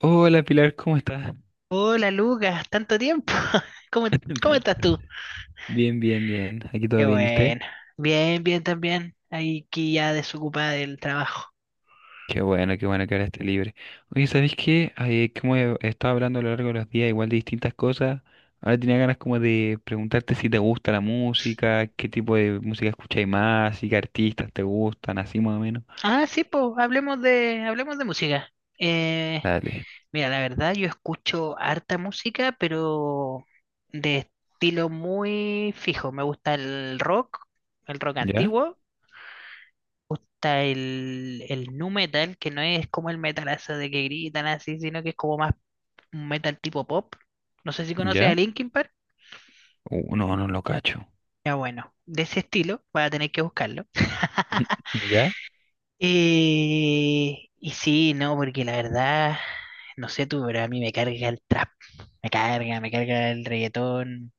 Hola Pilar, ¿cómo estás? Hola Lucas, tanto tiempo. ¿Cómo, cómo Tan- estás tú? Bien, bien, bien. Aquí todo Qué bien. ¿Y usted? bueno. Bien, bien también. Aquí ya desocupada del trabajo. Qué bueno que ahora esté libre. Oye, ¿sabéis qué? Ay, como he estado hablando a lo largo de los días, igual de distintas cosas, ahora tenía ganas como de preguntarte si te gusta la música, qué tipo de música escucháis más, y qué artistas te gustan, así más o menos. Ah, sí, pues, hablemos de música. Eh, Dale. mira, la verdad, yo escucho harta música, pero de estilo muy fijo. Me gusta el rock ¿Ya? antiguo. Me gusta el nu metal, que no es como el metalazo de que gritan así, sino que es como más un metal tipo pop. No sé si conoces a ¿Ya? Linkin Park. No, no lo cacho. Ya bueno, de ese estilo, voy a tener que buscarlo. ¿Ya? Y sí, no, porque la verdad, no sé tú, pero a mí me carga el trap, me carga el reggaetón,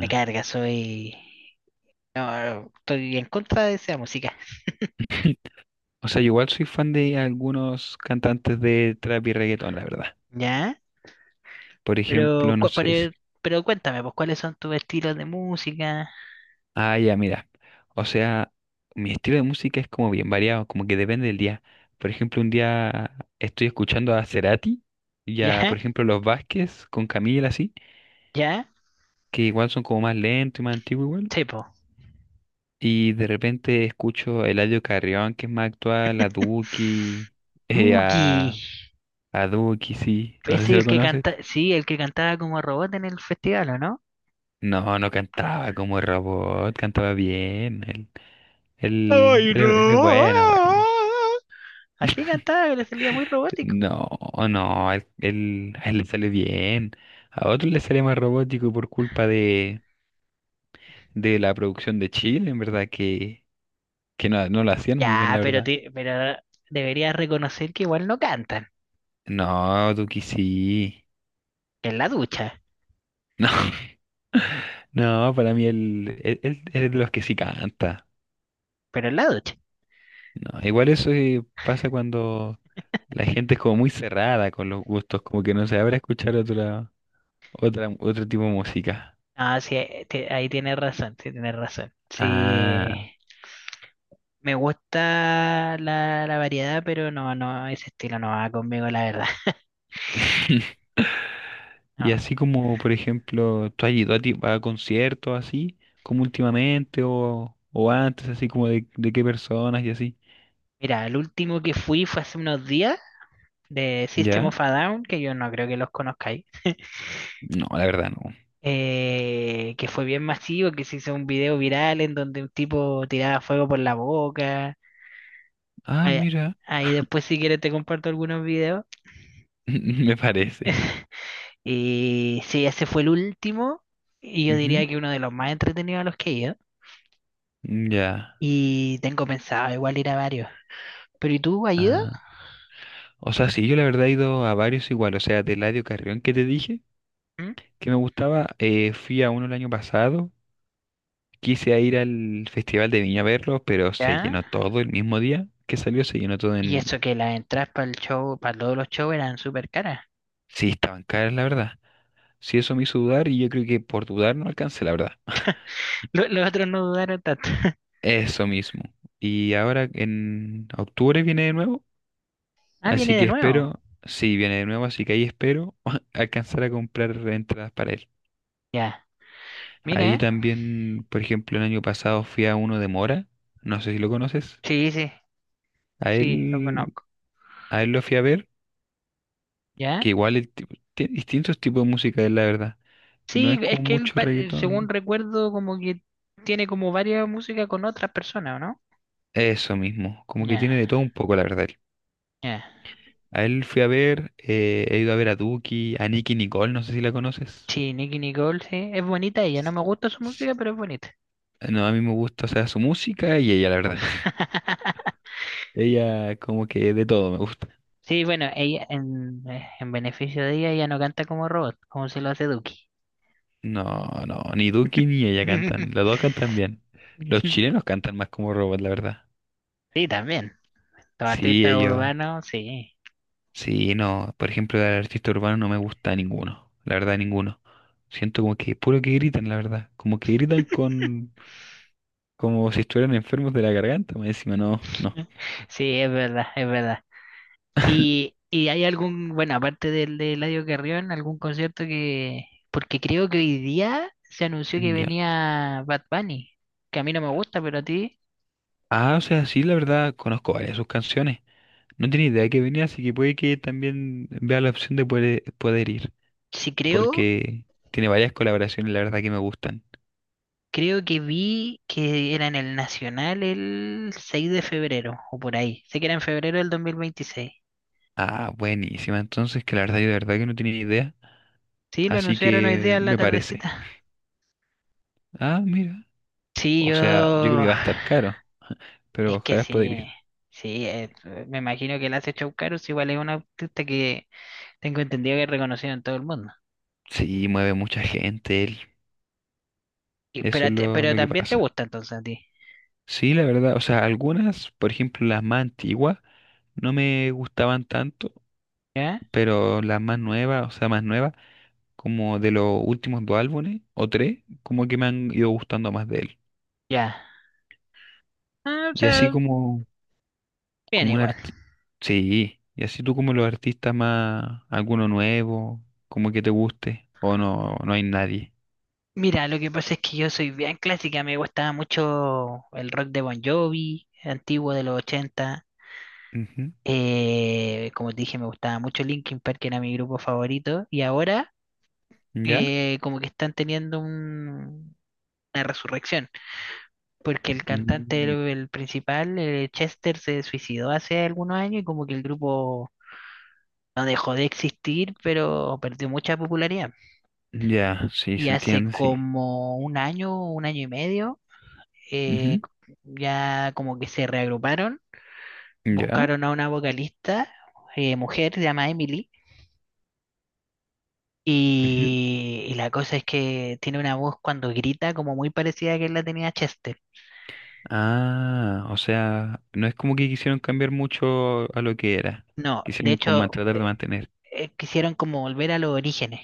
me carga, soy... No, estoy en contra de esa música, O sea, yo igual soy fan de algunos cantantes de trap y reggaetón, la verdad. ¿ya? Por ejemplo, Pero, no cu- pero, sé si... pero cuéntame, pues, ¿cuáles son tus estilos de música? Ah, ya, mira. O sea, mi estilo de música es como bien variado, como que depende del día. Por ejemplo, un día estoy escuchando a Cerati y a, ¿Ya? por ejemplo, Los Vázquez con Camila, así, ¿Ya? que igual son como más lentos y más antiguos igual. Sí, po. Y de repente escucho a Eladio Carrión, que es más actual, a Duki, eh, Duki, a, a Duki, sí. No sé es si lo el que conoces. canta, sí, el que cantaba como robot en el festival, ¿o no? No, no cantaba como robot, cantaba bien. Ay, Es él es no. bueno, bueno. Así cantaba, le salía muy robótico. No, no, a él le sale bien. A otros le sale más robótico por culpa de la producción de Chile, en verdad, que no, no lo hacían muy bien, Ya, la pero, verdad. te- pero deberías reconocer que igual no cantan. No, Duki sí. En la ducha, No, no, para mí es de los que sí canta. pero en la ducha. No, igual eso pasa cuando la gente es como muy cerrada con los gustos, como que no se abre a escuchar otra, otra, otro tipo de música. Ah, sí, ahí tienes razón. Sí, Ah. me gusta la variedad, pero no, no, ese estilo no va conmigo, la verdad. Y No. así como, por ejemplo, ¿tú has ido a, a conciertos así, como últimamente o antes, así como de qué personas y así? Mira, el último que fui fue hace unos días de System ¿Ya? of a Down, que yo no creo que los conozcáis. No, la verdad no. Que fue bien masivo, que se hizo un video viral en donde un tipo tiraba fuego por la boca. Ah, Ahí, mira, ahí después si quieres te comparto algunos videos. me parece. Y sí, ese fue el último y yo Ujú. diría que uno de los más entretenidos a los que he ido. Ya. Y tengo pensado igual ir a varios. ¿Pero y tú, has ido? Ah, o sea, sí, yo la verdad he ido a varios igual, o sea, de Eladio Carrión que te dije, ¿Mm? que me gustaba, fui a uno el año pasado, quise ir al Festival de Viña a verlo, pero se ¿Ya? llenó todo el mismo día que salió, Y se llenó todo. Eso que las entradas para el show, para todos los shows eran súper caras. Sí, estaban caras, la verdad. Sí, eso me hizo dudar y yo creo que por dudar no alcancé, la verdad. Otros no dudaron tanto. Eso mismo. Y ahora en octubre viene de nuevo, Ah, así viene de que nuevo. espero, sí, viene de nuevo, así que ahí espero alcanzar a comprar entradas para él. Ya, mira, Ahí ¿eh? también, por ejemplo, el año pasado fui a uno de Mora, no sé si lo conoces. Sí, sí. A Sí, lo él, conozco. a él lo fui a ver, ¿Ya? que igual el tiene distintos tipos de música, él, la verdad. No Sí, es es como que él, mucho según reggaetón. recuerdo, como que tiene como varias músicas con otras personas, ¿o no? Eso mismo, como que Ya, tiene de todo un poco, la verdad. ya. A él fui a ver, he ido a ver a Duki, a Nicki Nicole, no sé si la conoces. Sí, Nicki Nicole, sí. Es bonita ella. No me gusta su música, pero es bonita. No, a mí me gusta, o sea, su música y ella, la verdad. Ella como que de todo me gusta. Sí, bueno, en beneficio de ella, ella no canta como robot, como se lo hace Duki. No, no, ni Duki ni ella cantan, los dos cantan bien. Los chilenos cantan más como robot, la verdad. Sí, también. Los Sí, artistas ellos, urbanos, sí. sí, no, por ejemplo, del artista urbano no me gusta ninguno, la verdad, ninguno. Siento como que puro que gritan, la verdad, como que gritan con, como si estuvieran enfermos de la garganta, más encima, no, no. Sí, es verdad, es verdad. ¿ hay algún, bueno, aparte del de Eladio Carrión, algún concierto que, porque creo que hoy día se anunció que Ya. venía Bad Bunny, que a mí no me gusta, pero a ti, Ah, o sea, sí, la verdad, conozco varias de sus canciones. No tenía idea que venía, así que puede que también vea la opción de poder, poder ir, sí creo, porque tiene varias colaboraciones, la verdad, que me gustan. creo que vi que era en el Nacional el 6 de febrero, o por ahí, sé que era en febrero del 2026. Ah, buenísima, entonces, que la verdad, yo de verdad que no tenía idea, Sí, lo así anunciaron hoy día que en la me parece. tardecita. Ah, mira, Sí, o sea, yo creo que yo, va a estar caro, pero es que ojalá poder sí, ir. sí, me imagino que el hace show caros, igual es un artista que tengo entendido que es reconocido en todo el mundo. Sí, mueve mucha gente él, Y- eso Pero, es te- pero lo que también te pasa. gusta entonces a ti. Sí, la verdad, o sea, algunas, por ejemplo, las más antiguas, no me gustaban tanto, ¿Ya? pero las más nuevas, o sea, más nuevas, como de los últimos dos álbumes o tres, como que me han ido gustando más de él. Ya. Ah, o Y así sea, como, bien como un igual. artista, sí, y así tú como los artistas más, alguno nuevo, como que te guste, o no, no hay nadie. Mira, lo que pasa es que yo soy bien clásica. Me gustaba mucho el rock de Bon Jovi, antiguo de los 80. Ujú. Como te dije, me gustaba mucho Linkin Park, que era mi grupo favorito. Y ahora, ¿Ya? Como que están teniendo una resurrección. Porque el cantante, Mm, el principal, Chester, se suicidó hace algunos años y como que el grupo no dejó de existir, pero perdió mucha popularidad. ya, sí, Y se hace entiende, sí. como un año y medio, eh, Ujú. ya como que se reagruparon, ¿Ya? buscaron a una vocalista, mujer, se llama Emily, Ujú. Y la cosa es que tiene una voz cuando grita como muy parecida a que la tenía Chester. Ah, o sea, no es como que quisieron cambiar mucho a lo que era, No, de quisieron como hecho, tratar de mantener. Quisieron como volver a los orígenes.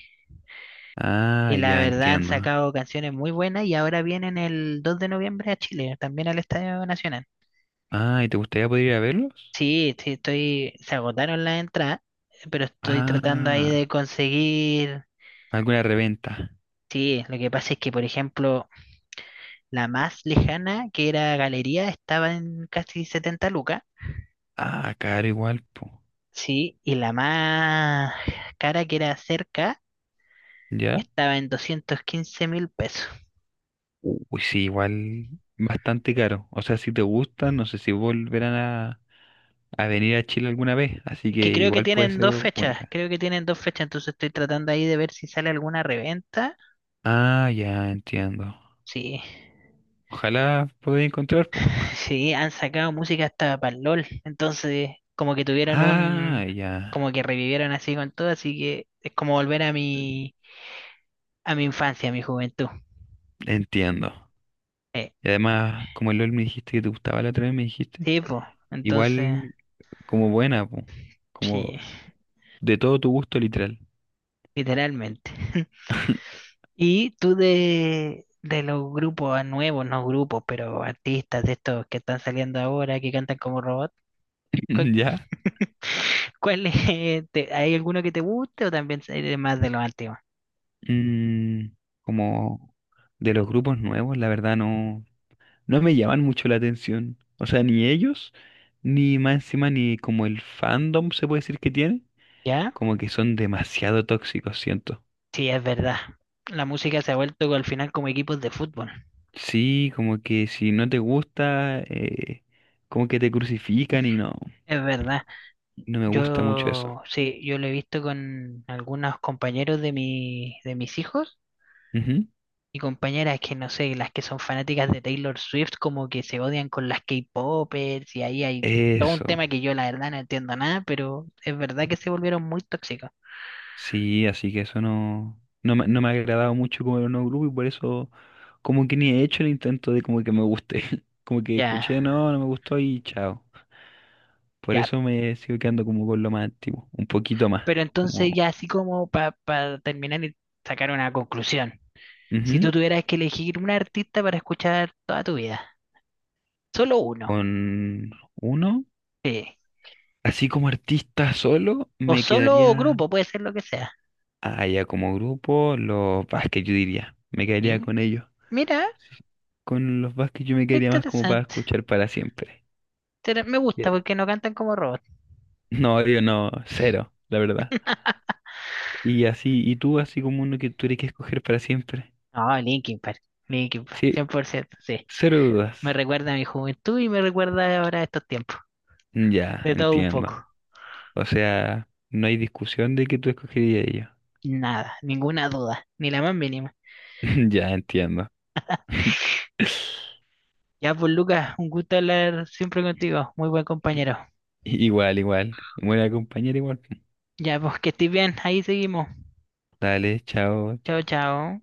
Ah, Y la ya verdad han entiendo. sacado canciones muy buenas y ahora vienen el 2 de noviembre a Chile, también al Estadio Nacional. Ah, ¿y te gustaría poder ir a verlos? Sí, sí, estoy, se agotaron las entradas, pero estoy tratando ahí de Ah, conseguir. alguna reventa. Sí, lo que pasa es que, por ejemplo, la más lejana, que era Galería, estaba en casi 70 lucas, Ah, caro igual, po. sí, y la más cara, que era cerca, ¿Ya? estaba en $215.000. Uy, sí, igual bastante caro. O sea, si te gustan, no sé si volverán a venir a Chile alguna vez, así Es que que creo que igual puede tienen ser dos fechas, única. creo que tienen dos fechas, entonces estoy tratando ahí de ver si sale alguna reventa. Ah, ya entiendo. Sí. Ojalá podáis encontrar, po. Sí, han sacado música hasta para el LOL. Entonces, Ah, ya como que revivieron así con todo, así que es como volver a mi infancia, a mi juventud. entiendo. Eh, Y además, como el LOL me dijiste que te gustaba la otra vez, me dijiste, sí, pues, entonces, igual como buena, po. Como sí, de todo tu gusto literal. literalmente. Y tú de los grupos nuevos, no grupos, pero artistas de estos que están saliendo ahora, que cantan como robot. ¿Cuál, ¿Ya? Cuál es, hay alguno que te guste o también eres más de los antiguos? Mm, como de los grupos nuevos, la verdad no, no me llaman mucho la atención. O sea, ni ellos, ni más encima, ni como el fandom se puede decir que tiene, ¿Ya? como que son demasiado tóxicos, siento. Sí, es verdad. La música se ha vuelto al final como equipos de fútbol. Sí, como que si no te gusta, como que te crucifican y no, Es verdad. no me gusta mucho eso. Yo sí, yo lo he visto con algunos compañeros de de mis hijos Ujú. y compañeras que no sé, las que son fanáticas de Taylor Swift, como que se odian con las K-popers y ahí hay todo un Eso. tema que yo la verdad no entiendo nada, pero es verdad que se volvieron muy tóxicos. Sí, así que eso no, no me, no me ha agradado mucho como el nuevo grupo y por eso como que ni he hecho el intento de como que me guste. Como que Ya, escuché, no, no me gustó y chao. Por ya. eso me sigo quedando como con lo más antiguo, un poquito más, Pero como entonces ya así como para terminar y sacar una conclusión. Si ujú, tú tuvieras que elegir un artista para escuchar toda tu vida, solo uno, con uno. sí. Así como artista solo, O me solo quedaría, grupo, puede ser lo que sea. ah, ya como grupo, los Vázquez yo diría, me quedaría Y con ellos. mira, Sí, con los Vázquez yo me quedaría más como para interesante. escuchar para siempre. Me gusta porque no cantan como robots. No, yo no, cero, la verdad. Y así, y tú así como uno que tuviera que escoger para siempre. No, Linkin Park, Sí, 100%, sí. cero dudas. Me recuerda a mi juventud y me recuerda ahora a estos tiempos. Ya, De todo un entiendo. poco. O sea, no hay discusión de que tú escogerías ello. Nada, ninguna duda, ni la más mínima. Ya, entiendo. Ya pues Lucas, un gusto hablar siempre contigo. Muy buen compañero. Igual, igual. Buena compañera, igual. Ya pues que estés bien, ahí seguimos. Dale, chao, Chao, chao. chao.